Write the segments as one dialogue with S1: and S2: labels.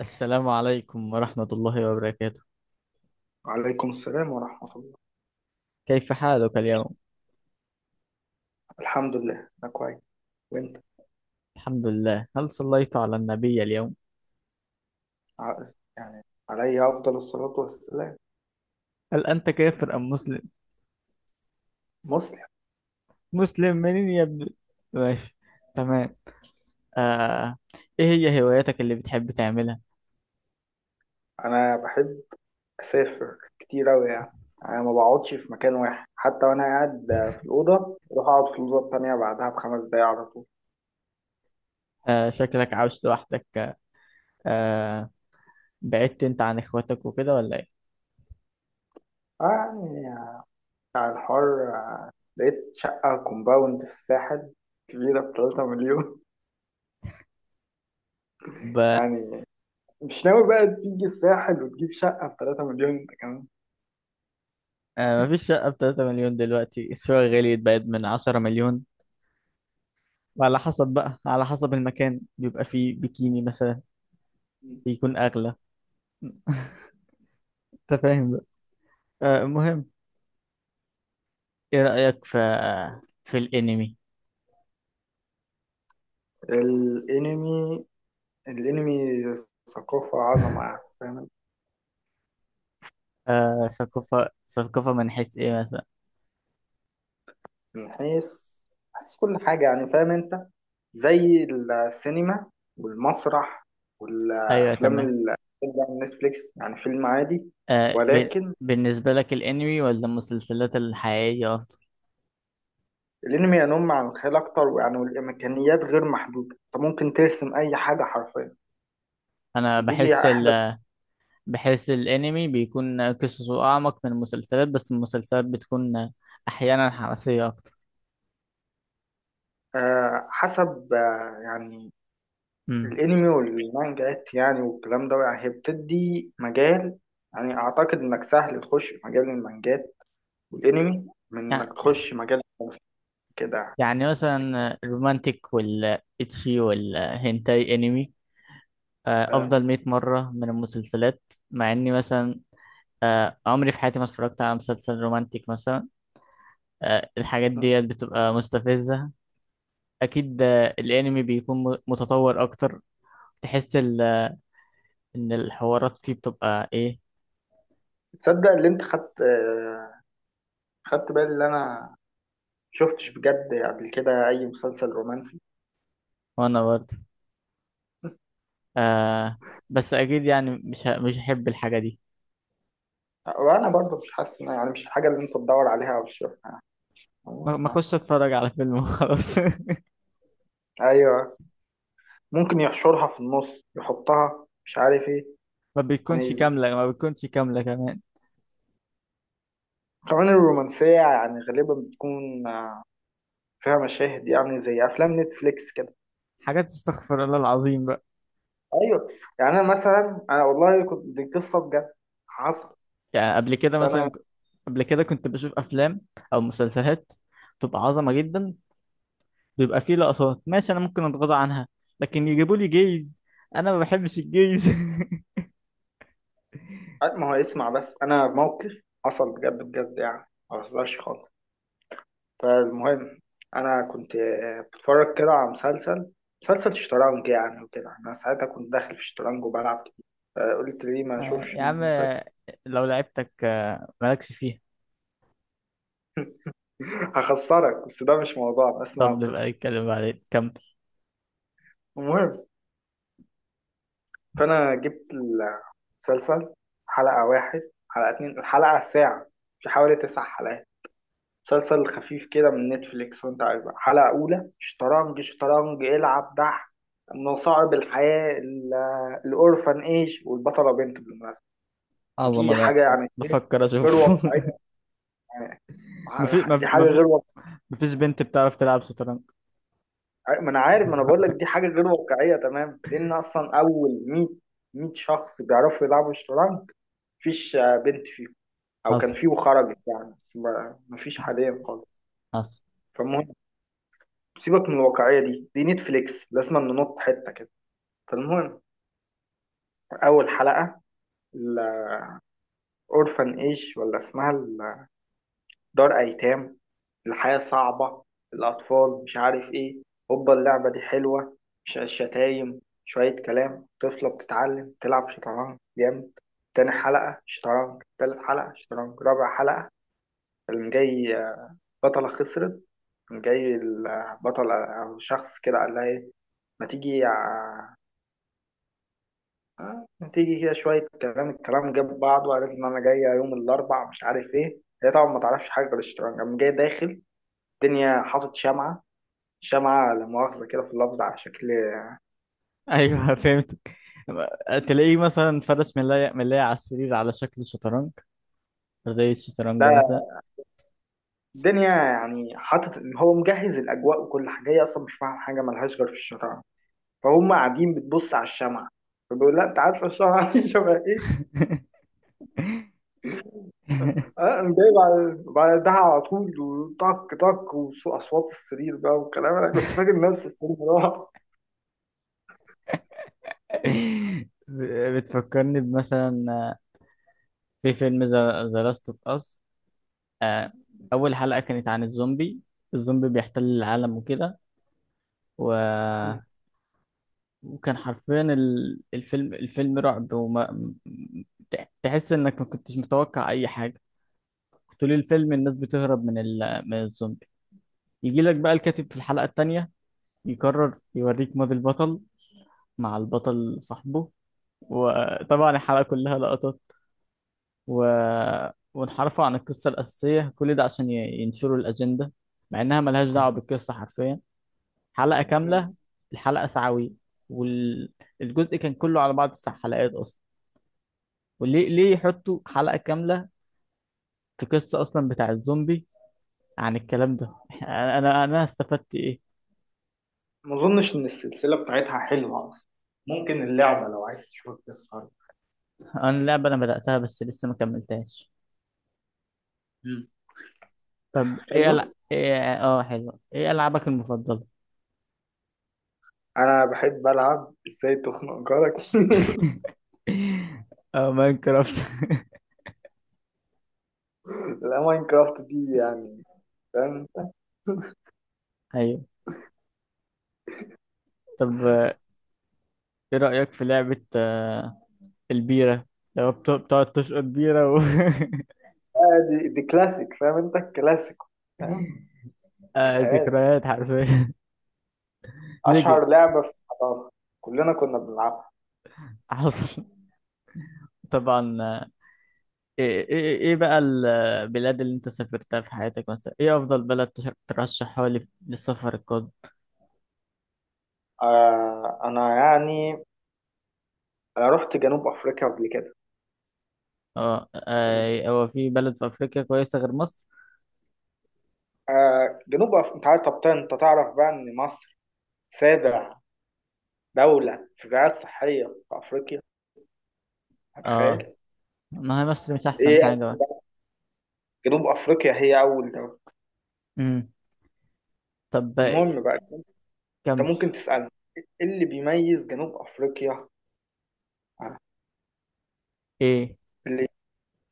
S1: السلام عليكم ورحمة الله وبركاته.
S2: وعليكم السلام ورحمة الله.
S1: كيف حالك اليوم؟
S2: الحمد لله أنا كويس، وأنت؟
S1: الحمد لله. هل صليت على النبي اليوم؟
S2: ع- يعني عليا أفضل الصلاة والسلام.
S1: هل أنت كافر أم مسلم؟
S2: مسلم.
S1: مسلم منين يا ابني؟ ماشي. تمام. آه. إيه هي هواياتك اللي بتحب تعملها؟
S2: أنا بحب أسافر كتير أوي، يعني أنا ما بقعدش في مكان واحد، حتى وأنا قاعد في الأوضة أروح أقعد في الأوضة التانية بعدها بخمس دقايق على طول.
S1: آه. شكلك عاوش لوحدك. آه. بعدت أنت عن إخواتك وكده ولا إيه؟
S2: يعني بتاع الحر، لقيت شقة كومباوند في الساحل كبيرة بتلاتة مليون.
S1: ب...
S2: يعني مش ناوي بقى تيجي الساحل وتجيب شقة بتلاتة مليون أنت كمان؟
S1: آه. مفيش شقة بتلاتة مليون دلوقتي. الشقة غليت بقت من عشرة مليون. وعلى حسب بقى على حسب المكان بيبقى فيه بيكيني مثلا. بيكون أغلى. أنت فاهم. المهم، ايه رأيك في الانمي؟
S2: الانمي، الانمي ثقافة عظمة، يعني فاهم.
S1: ثقافة ثقافة من حيث ايه مثلا؟
S2: من حيث كل حاجة، يعني فاهم انت، زي السينما والمسرح
S1: ايوه،
S2: والافلام
S1: تمام.
S2: ال- على نتفليكس، يعني فيلم عادي. ولكن
S1: بالنسبة لك الانمي ولا المسلسلات الحقيقية افضل؟
S2: الانمي ينم عن الخيال اكتر، ويعني والامكانيات غير محدودة، انت ممكن ترسم اي حاجة حرفيا.
S1: انا
S2: ودي
S1: بحس
S2: احدى.
S1: بحس الانمي بيكون قصصه اعمق من المسلسلات، بس المسلسلات بتكون احيانا حماسية اكتر.
S2: حسب، يعني
S1: امم.
S2: الانمي والمانجات يعني والكلام ده، يعني هي بتدي مجال. يعني اعتقد انك سهل تخش في مجال المانجات والانمي، من
S1: يع-
S2: انك تخش مجال الرسم كده.
S1: يعني مثلا الرومانتيك والاتشي والهنتاي انمي
S2: فاهم؟
S1: افضل 100 مرة من المسلسلات. مع اني مثلا عمري في حياتي ما اتفرجت على مسلسل رومانتيك مثلا. الحاجات ديت بتبقى مستفزة. أكيد الأنمي بيكون متطور أكتر. تحس إن الحوارات فيه بتبقى إيه؟
S2: تصدق اللي انت خدت خدت بالي، اللي انا شفتش بجد قبل كده اي مسلسل رومانسي.
S1: وأنا برضه. آه. بس أكيد يعني مش هحب الحاجة دي.
S2: وانا برضه مش حاسس يعني مش الحاجه اللي انت تدور عليها او تشوفها.
S1: ما أخش أتفرج على فيلم وخلاص.
S2: ايوه، ممكن يحشرها في النص، يحطها مش عارف ايه.
S1: ما بتكونش
S2: يعني
S1: كاملة، ما بتكونش كاملة كمان.
S2: كمان الرومانسيه يعني غالبا بتكون فيها مشاهد، يعني زي افلام نتفليكس كده.
S1: حاجات استغفر الله العظيم بقى.
S2: ايوه. يعني انا مثلا، انا والله كنت، دي قصه بجد حصل.
S1: يعني قبل كده
S2: فانا،
S1: مثلا قبل كده كنت بشوف أفلام أو مسلسلات بتبقى عظمة جدا. بيبقى فيه لقطات ماشي انا ممكن اتغاضى عنها. لكن يجيبوا لي جيز. انا ما بحبش الجيز.
S2: ما هو اسمع بس، انا موقف حصل بجد بجد، يعني ما بهزرش خالص. فالمهم، انا كنت بتفرج كده على مسلسل شطرنج يعني وكده، انا ساعتها كنت داخل في شطرنج وبلعب كتير، فقلت ليه ما اشوفش
S1: يا عم
S2: المسلسل.
S1: لو لعبتك مالكش فيها.
S2: هخسرك، بس ده مش موضوع، اسمع
S1: طب
S2: القصه.
S1: نبقى نتكلم بعدين. كمل.
S2: المهم، فانا جبت مسلسل، حلقة واحد، حلقة اتنين، الحلقة ساعة، في حوالي تسع حلقات، مسلسل خفيف كده من نتفليكس. وانت عارف بقى، حلقة أولى شطرنج، شطرنج، العب دح، مصاعب الحياة ال- الأورفن إيج، والبطلة بنت بالمناسبة. ودي
S1: عظمة ده.
S2: حاجة يعني إيه؟
S1: بفكر
S2: غير
S1: اشوفه.
S2: واقعية. يعني
S1: مفيش
S2: دي
S1: مف-
S2: حاجة
S1: مف-
S2: غير واقعية.
S1: مفيش بنت بتعرف تلعب شطرنج.
S2: ما أنا عارف، ما أنا بقول لك دي حاجة غير واقعية. تمام، لأن أصلا أول 100 100 شخص بيعرفوا يلعبوا شطرنج، مفيش بنت فيهم. او كان
S1: حصل.
S2: فيه وخرجت، يعني بس ما فيش حاليا خالص.
S1: حصل.
S2: فالمهم، سيبك من الواقعيه دي، دي نتفليكس لازم ننط حته كده. فالمهم، اول حلقه، الاورفن ايج، ولا اسمها دار ايتام، الحياه صعبه، الاطفال مش عارف ايه، هوبا اللعبه دي حلوه، مش شتايم، شويه كلام، طفله بتتعلم تلعب شطرنج جامد. تاني حلقه شطرنج، تالت حلقه شطرنج، رابع حلقه اللي جاي بطله خسرت، جاي البطل أو شخص كده قال لها إيه، ما تيجي ع- ما تيجي كده، شوية كلام، الكلام جاب بعض، وقالت إن أنا جاية يوم الأربع مش عارف إيه. هي طبعا ما تعرفش حاجة غير الشطرنج، قام جاي داخل الدنيا حاطط شمعة، شمعة لا مؤاخذة كده في اللفظ على شكل.
S1: ايوه، فهمتك. تلاقيه مثلا فرش ملاية ملاية على السرير على شكل شطرنج، زي الشطرنج
S2: لا،
S1: مثلا.
S2: الدنيا يعني حاطط إن هو مجهز الأجواء وكل حاجة، هي أصلا مش فاهم حاجة، ملهاش غير في الشطرنج. فهم قاعدين بتبص على الشمعة، فبيقول لا أنت عارفة الشمعة دي شبه إيه. اه، أنا جاي بعدها على طول، وطق طق، واصوات السرير بقى والكلام، انا كنت فاكر نفسي في الصراحه.
S1: بتفكرني بمثلا في فيلم ذا لاست اوف اس. آه، أول حلقة كانت عن الزومبي. الزومبي بيحتل العالم وكده. و...
S2: مم.
S1: وكان حرفيا الفيلم رعب. تحس إنك ما كنتش متوقع أي حاجة. طول الفيلم الناس بتهرب من الزومبي. يجي لك بقى الكاتب في الحلقة التانية يقرر يوريك ماضي البطل، مع البطل صاحبه. وطبعا الحلقة كلها لقطات. و... وانحرفوا عن القصة الأساسية، كل ده عشان ينشروا الأجندة. مع إنها ملهاش دعوة بالقصة حرفيا. حلقة
S2: مم.
S1: كاملة، الحلقة ساعوي، والجزء كان كله على بعض تسع حلقات أصلا. وليه ليه يحطوا حلقة كاملة في قصة أصلا بتاع الزومبي عن الكلام ده؟ أنا استفدت إيه؟
S2: ما اظنش ان السلسله بتاعتها حلوه اصلا، ممكن اللعبه لو عايز تشوف القصه.
S1: أنا اللعبة أنا بدأتها بس لسه ما كملتهاش.
S2: مم.
S1: طب
S2: حلوه.
S1: إيه؟ آه، حلو. إيه ألعابك المفضلة؟
S2: انا بحب العب ازاي تخنق جارك.
S1: آه، ماينكرافت.
S2: لا، ماينكرافت دي يعني، فاهم.
S1: أيوه. طب إيه رأيك في لعبة البيرة؟ لو بتقعد تشقط بيرة و
S2: دي, دي كلاسيك، فاهم انت الكلاسيك، فاهم. آه،
S1: ذكريات حرفيا. ليجن.
S2: اشهر لعبه في الحضاره، كلنا كنا بنلعبها.
S1: حصل. طبعا. ايه ايه إيه بقى البلاد اللي انت سافرتها في حياتك مثلا؟ ايه افضل بلد ترشحها لي للسفر القادم؟
S2: آه، انا يعني انا رحت جنوب افريقيا قبل كده.
S1: اه، هو في بلد في افريقيا كويسة غير مصر؟
S2: انت عارف؟ طب انت تعرف بقى ان مصر سابع دولة في الرعاية الصحية في افريقيا؟
S1: اه،
S2: هتخيل.
S1: ما هي مصر مش احسن حاجة
S2: ايه،
S1: بقى.
S2: جنوب افريقيا هي اول دولة.
S1: امم. طب
S2: المهم بقى،
S1: كمل.
S2: انت ممكن تسألني ايه اللي بيميز جنوب افريقيا. آه،
S1: ايه؟
S2: اللي,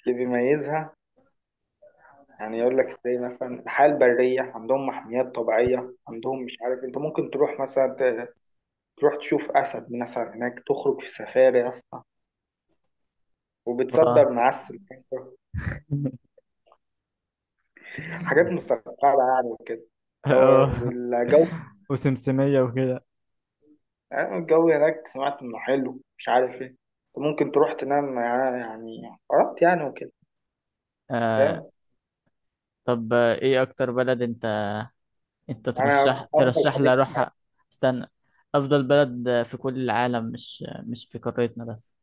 S2: اللي بيميزها، يعني يقول لك زي مثلا الحياة البرية عندهم، محميات طبيعية عندهم، مش عارف، انت ممكن تروح مثلا تروح تشوف اسد مثلا هناك، تخرج في سفاري يا اسطى، وبتصدر
S1: اه.
S2: معسل. حاجات مستقرة يعني وكده. هو،
S1: اه،
S2: والجو،
S1: وسمسمية وكده.
S2: يعني الجو هناك سمعت انه حلو، مش عارف ايه. أنت ممكن تروح تنام، يعني يعني قرأت يعني وكده،
S1: آه.
S2: فاهم.
S1: طب ايه اكتر بلد انت
S2: انا
S1: ترشح
S2: افضل
S1: ترشح
S2: حديث.
S1: لي اروحها؟ استنى. افضل بلد في كل العالم، مش في قارتنا بس.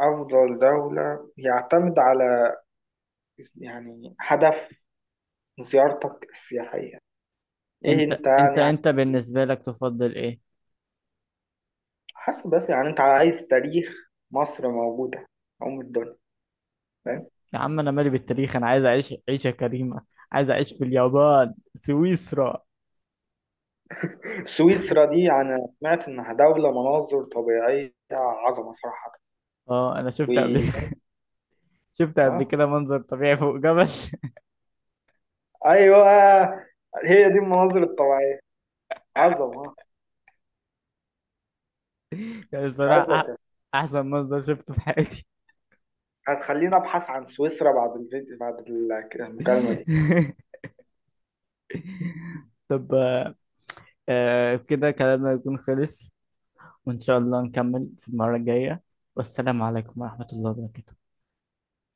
S2: افضل دولة يعتمد على، يعني هدف زيارتك السياحية، ايه
S1: انت
S2: انت
S1: انت
S2: يعني عايز؟
S1: انت
S2: إيه؟
S1: بالنسبة لك تفضل ايه؟
S2: حسب بس، يعني انت عايز تاريخ؟ مصر موجودة، ام الدنيا، فاهم.
S1: يا عم انا مالي بالتاريخ. انا عايز اعيش عيشة كريمة. عايز اعيش في اليابان، سويسرا.
S2: سويسرا دي انا سمعت انها دولة مناظر طبيعية عظمة صراحة.
S1: اه، انا
S2: و...
S1: شفت قبل. شفت قبل كده منظر طبيعي فوق جبل.
S2: ايوه، هي دي المناظر الطبيعيه عظمه،
S1: يعني
S2: مش عايز
S1: بصراحة
S2: أقول.
S1: احسن منظر شفته في حياتي.
S2: هتخليني ابحث عن سويسرا بعد الفيديو بعد المكالمه دي.
S1: طب. كده كلامنا يكون خلص. وان شاء الله نكمل في المرة الجاية. والسلام عليكم ورحمة الله وبركاته.